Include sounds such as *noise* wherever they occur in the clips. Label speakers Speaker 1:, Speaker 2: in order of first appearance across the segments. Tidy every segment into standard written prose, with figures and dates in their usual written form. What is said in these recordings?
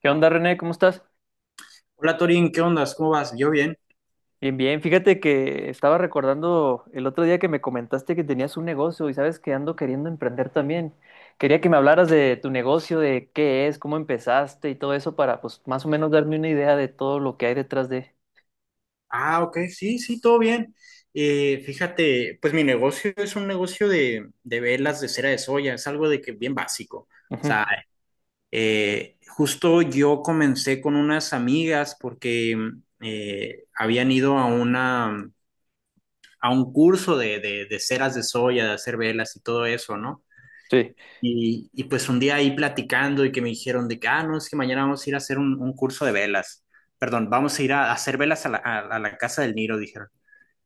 Speaker 1: ¿Qué onda, René? ¿Cómo estás?
Speaker 2: Hola Torín, ¿qué ondas? ¿Cómo vas? ¿Yo bien?
Speaker 1: Bien, bien. Fíjate que estaba recordando el otro día que me comentaste que tenías un negocio y sabes que ando queriendo emprender también. Quería que me hablaras de tu negocio, de qué es, cómo empezaste y todo eso para, pues, más o menos darme una idea de todo lo que hay detrás de.
Speaker 2: Ah, ok, sí, sí, todo bien. Fíjate, pues mi negocio es un negocio de velas de cera de soya, es algo de que bien básico. O
Speaker 1: Ujú.
Speaker 2: sea, justo yo comencé con unas amigas porque habían ido a a un curso de ceras de soya, de hacer velas y todo eso, ¿no?
Speaker 1: Sí.
Speaker 2: Y pues un día ahí platicando y que me dijeron de que, ah, no, es que mañana vamos a ir a hacer un curso de velas. Perdón, vamos a ir a hacer velas a la casa del Niro, dijeron.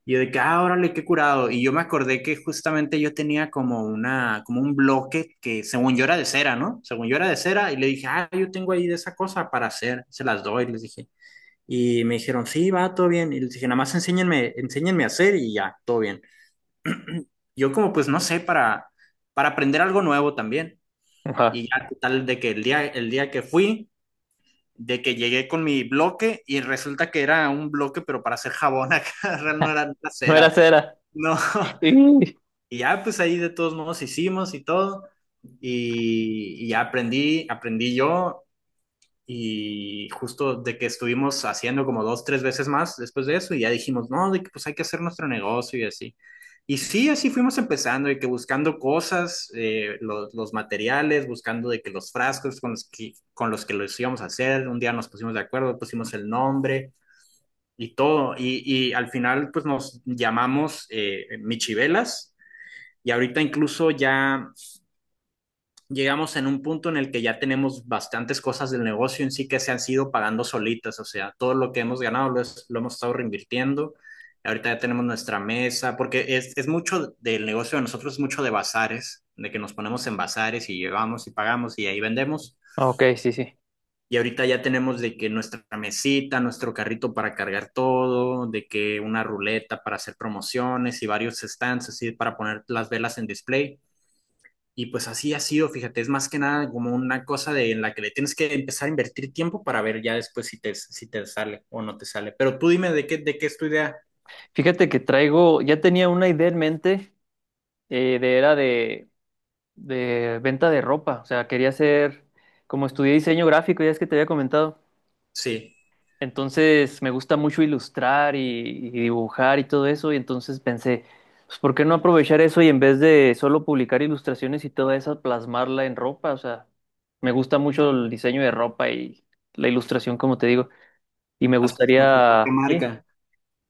Speaker 2: Y yo de que, ah, órale, qué curado. Y yo me acordé que justamente yo tenía como un bloque que según yo era de cera, ¿no? Según yo era de cera. Y le dije, ah, yo tengo ahí de esa cosa para hacer, se las doy, les dije. Y me dijeron, sí, va, todo bien. Y les dije, nada más enséñenme, enséñenme a hacer y ya, todo bien. *clears throat* Yo como pues no sé, para aprender algo nuevo también.
Speaker 1: Ajá.
Speaker 2: Y
Speaker 1: *laughs*
Speaker 2: ya tal de que el día que fui, de que llegué con mi bloque y resulta que era un bloque, pero para hacer jabón acá, *laughs* real no era nada
Speaker 1: No era
Speaker 2: cera.
Speaker 1: cera.
Speaker 2: No. *laughs*
Speaker 1: Sí.
Speaker 2: Y ya pues ahí de todos modos hicimos y todo. Y ya aprendí, aprendí yo y justo de que estuvimos haciendo como dos, tres veces más después de eso y ya dijimos, no, de que pues hay que hacer nuestro negocio y así. Y sí, así fuimos empezando y que buscando cosas, los materiales, buscando de que los frascos con los que los íbamos a hacer, un día nos pusimos de acuerdo, pusimos el nombre y todo. Y al final pues nos llamamos Michivelas y ahorita incluso ya llegamos en un punto en el que ya tenemos bastantes cosas del negocio en sí que se han sido pagando solitas, o sea, todo lo que hemos ganado lo, es- lo hemos estado reinvirtiendo. Ahorita ya tenemos nuestra mesa, porque es mucho del negocio de nosotros, es mucho de bazares, de que nos ponemos en bazares y llevamos y pagamos y ahí vendemos.
Speaker 1: Ah, ok, sí, sí.
Speaker 2: Y ahorita ya tenemos de que nuestra mesita, nuestro carrito para cargar todo, de que una ruleta para hacer promociones y varios stands así para poner las velas en display. Y pues así ha sido, fíjate, es más que nada como una cosa de, en la que le tienes que empezar a invertir tiempo para ver ya después si te, si te sale o no te sale. Pero tú dime de qué es tu idea.
Speaker 1: Fíjate que traigo, ya tenía una idea en mente de era de venta de ropa. O sea, quería hacer, como estudié diseño gráfico, ya es que te había comentado.
Speaker 2: Sí,
Speaker 1: Entonces me gusta mucho ilustrar y dibujar y todo eso, y entonces pensé, pues ¿por qué no aprovechar eso y en vez de solo publicar ilustraciones y toda esa plasmarla en ropa? O sea, me gusta mucho el diseño de ropa y la ilustración, como te digo, y me
Speaker 2: haz como tu propia
Speaker 1: gustaría, sí,
Speaker 2: marca.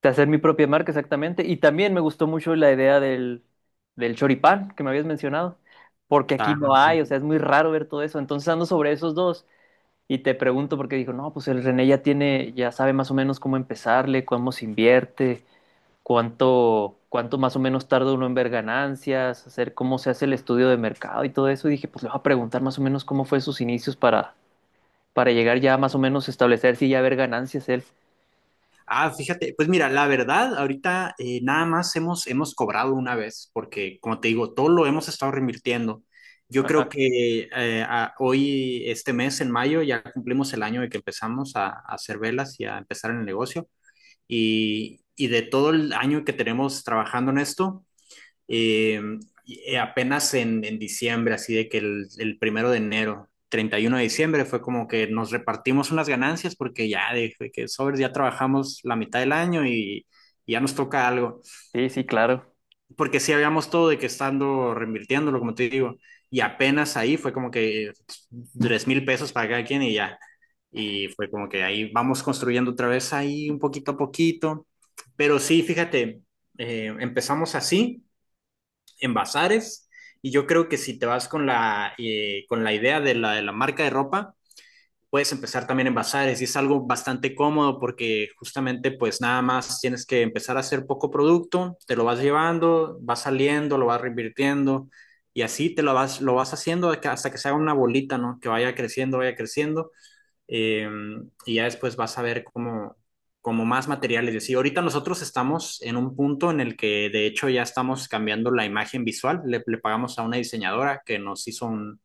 Speaker 1: de hacer mi propia marca exactamente, y también me gustó mucho la idea del, del choripán que me habías mencionado, porque aquí
Speaker 2: Ah,
Speaker 1: no hay,
Speaker 2: ok.
Speaker 1: o sea, es muy raro ver todo eso, entonces ando sobre esos dos. Y te pregunto porque dijo, no, pues el René ya tiene, ya sabe más o menos cómo empezarle, cómo se invierte, cuánto, cuánto más o menos tarda uno en ver ganancias, hacer cómo se hace el estudio de mercado y todo eso. Y dije, pues le voy a preguntar más o menos cómo fue sus inicios para llegar ya más o menos a establecer si ya ver ganancias él.
Speaker 2: Ah, fíjate, pues mira, la verdad, ahorita nada más hemos cobrado una vez, porque como te digo, todo lo hemos estado reinvirtiendo. Yo creo
Speaker 1: Ajá.
Speaker 2: que hoy, este mes, en mayo, ya cumplimos el año de que empezamos a hacer velas y a empezar en el negocio. Y de todo el año que tenemos trabajando en esto, eh, apenas en diciembre, así de que el primero de enero, 31 de diciembre, fue como que nos repartimos unas ganancias porque ya de que sobres ya trabajamos la mitad del año y ya nos toca algo
Speaker 1: Sí, sí, claro.
Speaker 2: porque sí habíamos todo de que estando reinvirtiéndolo, como te digo, y apenas ahí fue como que tres mil pesos para cada quien y ya. Y fue como que ahí vamos construyendo otra vez ahí un poquito a poquito. Pero sí, fíjate, empezamos así, en bazares, y yo creo que si te vas con la idea de la marca de ropa, puedes empezar también en bazares y es algo bastante cómodo porque justamente pues nada más tienes que empezar a hacer poco producto, te lo vas llevando, vas saliendo, lo vas reinvirtiendo y así te lo vas haciendo hasta que se haga una bolita, ¿no? Que vaya creciendo eh, y ya después vas a ver cómo como más materiales. Y así, ahorita nosotros estamos en un punto en el que de hecho ya estamos cambiando la imagen visual, le pagamos a una diseñadora que nos hizo un,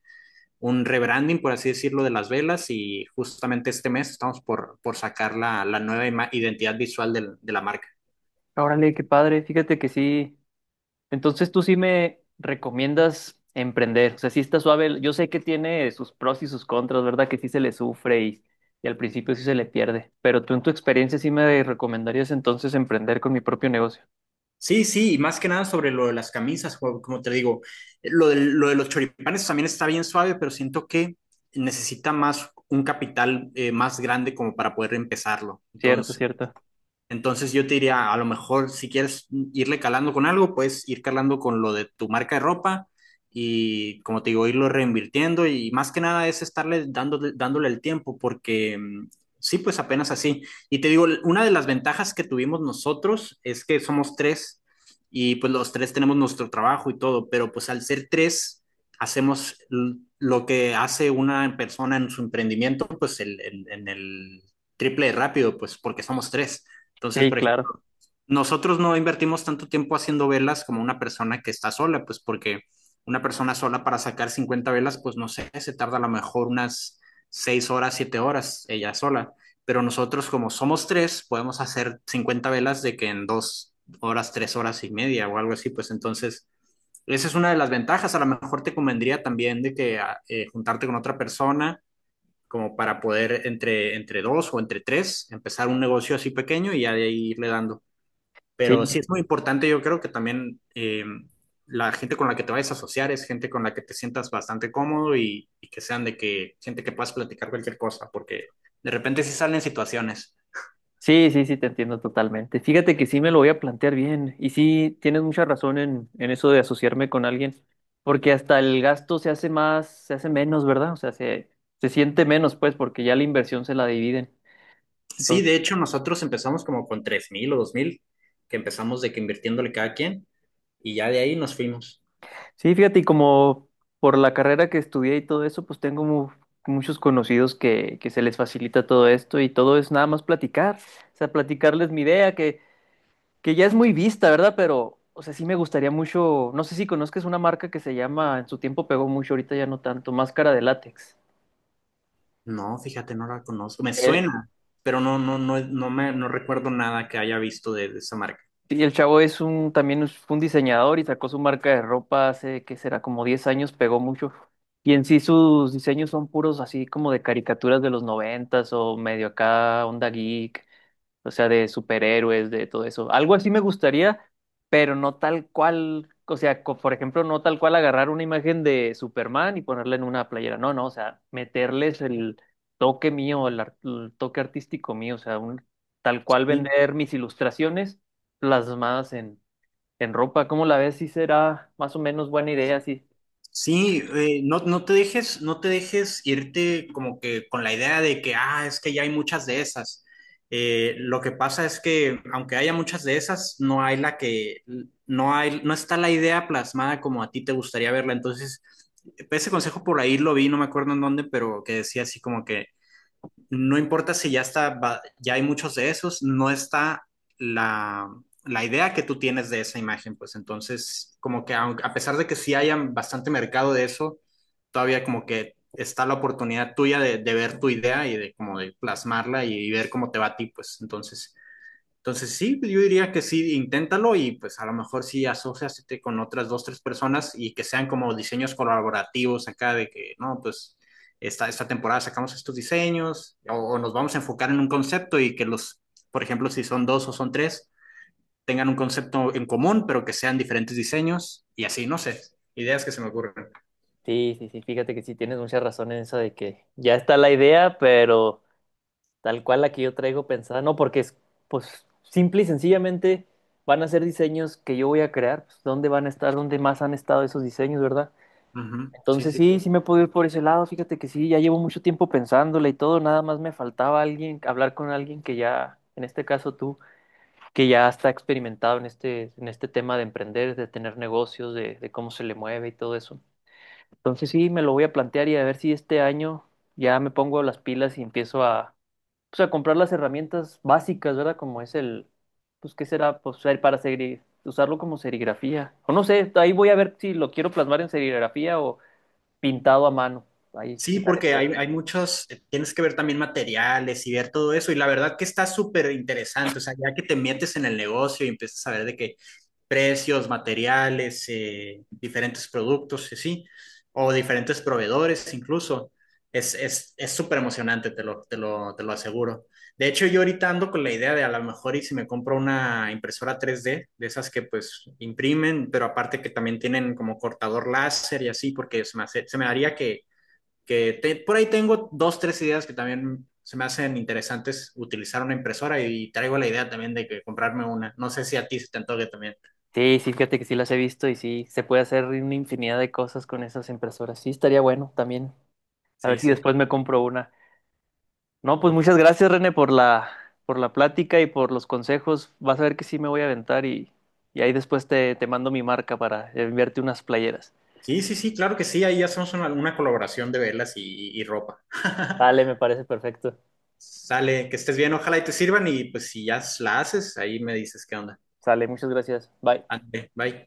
Speaker 2: un rebranding, por así decirlo, de las velas y justamente este mes estamos por sacar la nueva identidad visual de la marca.
Speaker 1: Órale, qué padre. Fíjate que sí, entonces tú sí me recomiendas emprender, o sea, sí está suave, yo sé que tiene sus pros y sus contras, ¿verdad? Que sí se le sufre y al principio sí se le pierde, pero tú en tu experiencia sí me recomendarías entonces emprender con mi propio negocio.
Speaker 2: Sí, sí, y más que nada sobre lo de las camisas, como te digo, lo de los choripanes también está bien suave, pero siento que necesita más un capital más grande como para poder empezarlo.
Speaker 1: Cierto,
Speaker 2: Entonces,
Speaker 1: cierto.
Speaker 2: Entonces yo te diría, a lo mejor si quieres irle calando con algo, puedes ir calando con lo de tu marca de ropa y como te digo, irlo reinvirtiendo y más que nada es estarle dándole, dándole el tiempo porque mm, sí, pues apenas así. Y te digo, una de las ventajas que tuvimos nosotros es que somos tres y pues los tres tenemos nuestro trabajo y todo, pero pues al ser tres hacemos l- lo que hace una persona en su emprendimiento, pues el- en el triple de rápido, pues porque somos tres. Entonces,
Speaker 1: Sí,
Speaker 2: por
Speaker 1: claro.
Speaker 2: ejemplo, nosotros no invertimos tanto tiempo haciendo velas como una persona que está sola, pues porque una persona sola para sacar 50 velas, pues no sé, se tarda a lo mejor unas 6 horas, 7 horas ella sola. Pero nosotros como somos tres, podemos hacer 50 velas de que en 2 horas, 3 horas y media o algo así, pues entonces... Esa es una de las ventajas. A lo mejor te convendría también de que juntarte con otra persona como para poder entre dos o entre tres empezar un negocio así pequeño y ya de ahí irle dando.
Speaker 1: Sí,
Speaker 2: Pero sí es muy importante, yo creo que también la gente con la que te vayas a asociar es gente con la que te sientas bastante cómodo y que sean de que gente que puedas platicar cualquier cosa, porque de repente sí salen situaciones.
Speaker 1: sí, sí, sí, te entiendo totalmente. Fíjate que sí me lo voy a plantear bien y sí tienes mucha razón en eso de asociarme con alguien, porque hasta el gasto se hace más, se hace menos, ¿verdad? O sea, se siente menos, pues, porque ya la inversión se la dividen.
Speaker 2: Sí, de hecho, nosotros empezamos como con 3.000 o 2.000 que empezamos de que invirtiéndole cada quien y ya de ahí nos fuimos.
Speaker 1: Sí, fíjate, y como por la carrera que estudié y todo eso, pues tengo mu- muchos conocidos que se les facilita todo esto y todo es nada más platicar, o sea, platicarles mi idea, que ya es muy vista, ¿verdad? Pero, o sea, sí me gustaría mucho, no sé si conozcas una marca que se llama, en su tiempo pegó mucho, ahorita ya no tanto, Máscara de Látex.
Speaker 2: No, fíjate, no la conozco. Me
Speaker 1: Eh,
Speaker 2: suena, pero no, no, no, no me, no recuerdo nada que haya visto de esa marca.
Speaker 1: Sí, el chavo es un, también es- fue un diseñador y sacó su marca de ropa hace, ¿qué será? Como 10 años, pegó mucho. Y en sí sus diseños son puros así como de caricaturas de los noventas o medio acá, onda geek, o sea, de superhéroes, de todo eso. Algo así me gustaría, pero no tal cual, o sea, co- por ejemplo, no tal cual agarrar una imagen de Superman y ponerla en una playera. No, no, o sea, meterles el toque mío, el, ar- el toque artístico mío, o sea, un, tal cual vender mis ilustraciones plasmadas en ropa. ¿Cómo la ves? Sí será más o menos buena idea, sí.
Speaker 2: Sí, no, no te dejes, no te dejes irte como que con la idea de que, ah, es que ya hay muchas de esas. Lo que pasa es que aunque haya muchas de esas, no hay la que, no hay, no está la idea plasmada como a ti te gustaría verla. Entonces, ese consejo por ahí lo vi, no me acuerdo en dónde, pero que decía así como que no importa si ya está, ya hay muchos de esos, no está la, la idea que tú tienes de esa imagen, pues entonces, como que a pesar de que sí haya bastante mercado de eso, todavía como que está la oportunidad tuya de ver tu idea y de como de plasmarla y ver cómo te va a ti, pues entonces sí, yo diría que sí, inténtalo y pues a lo mejor sí asóciate con otras dos, tres personas y que sean como diseños colaborativos acá de que, no, pues esta temporada sacamos estos diseños o nos vamos a enfocar en un concepto y que los, por ejemplo, si son dos o son tres, tengan un concepto en común, pero que sean diferentes diseños y así, no sé, ideas que se me ocurren.
Speaker 1: Sí, sí, sí, fíjate que sí tienes mucha razón en eso de que ya está la idea, pero tal cual la que yo traigo pensada, no, porque es, pues, simple y sencillamente van a ser diseños que yo voy a crear, pues, ¿dónde van a estar? ¿Dónde más han estado esos diseños, verdad?
Speaker 2: Ujú. Sí,
Speaker 1: Entonces
Speaker 2: sí.
Speaker 1: sí, sí me puedo ir por ese lado, fíjate que sí, ya llevo mucho tiempo pensándola y todo, nada más me faltaba alguien, hablar con alguien que ya, en este caso tú que ya está experimentado en este tema de emprender, de tener negocios, de cómo se le mueve y todo eso. Entonces sí, me lo voy a plantear y a ver si este año ya me pongo las pilas y empiezo a, pues, a comprar las herramientas básicas, ¿verdad? Como es el, pues, ¿qué será? Pues ser para segri- usarlo como serigrafía. O no sé, ahí voy a ver si lo quiero plasmar en serigrafía o pintado a mano. Ahí
Speaker 2: Sí,
Speaker 1: checaré
Speaker 2: porque
Speaker 1: todo
Speaker 2: hay,
Speaker 1: eso.
Speaker 2: hay muchos, tienes que ver también materiales y ver todo eso, y la verdad que está súper interesante, o sea, ya que te metes en el negocio y empiezas a ver de qué precios, materiales, diferentes productos, y sí, o diferentes proveedores incluso, es súper emocionante, te lo aseguro. De hecho, yo ahorita ando con la idea de a lo mejor y si me compro una impresora 3D, de esas que pues imprimen, pero aparte que también tienen como cortador láser y así, porque se me haría por ahí tengo dos, tres ideas que también se me hacen interesantes utilizar una impresora y traigo la idea también de que comprarme una. No sé si a ti se te antoje también.
Speaker 1: Sí, sí, fíjate que sí las he visto y sí, se puede hacer una infinidad de cosas con esas impresoras. Sí, estaría bueno también. A
Speaker 2: Sí,
Speaker 1: ver si
Speaker 2: sí.
Speaker 1: después me compro una. No, pues
Speaker 2: O-
Speaker 1: muchas gracias, René, por la plática y por los consejos. Vas a ver que sí me voy a aventar y ahí después te, te mando mi marca para enviarte unas playeras.
Speaker 2: Sí, sí, sí, claro que sí. Ahí hacemos una colaboración de velas y ropa. *laughs*
Speaker 1: Sale, me parece perfecto.
Speaker 2: Sale, que estés bien, ojalá y te sirvan y pues si ya la haces, ahí me dices qué onda.
Speaker 1: Sale, muchas gracias. Bye.
Speaker 2: Ande, bye.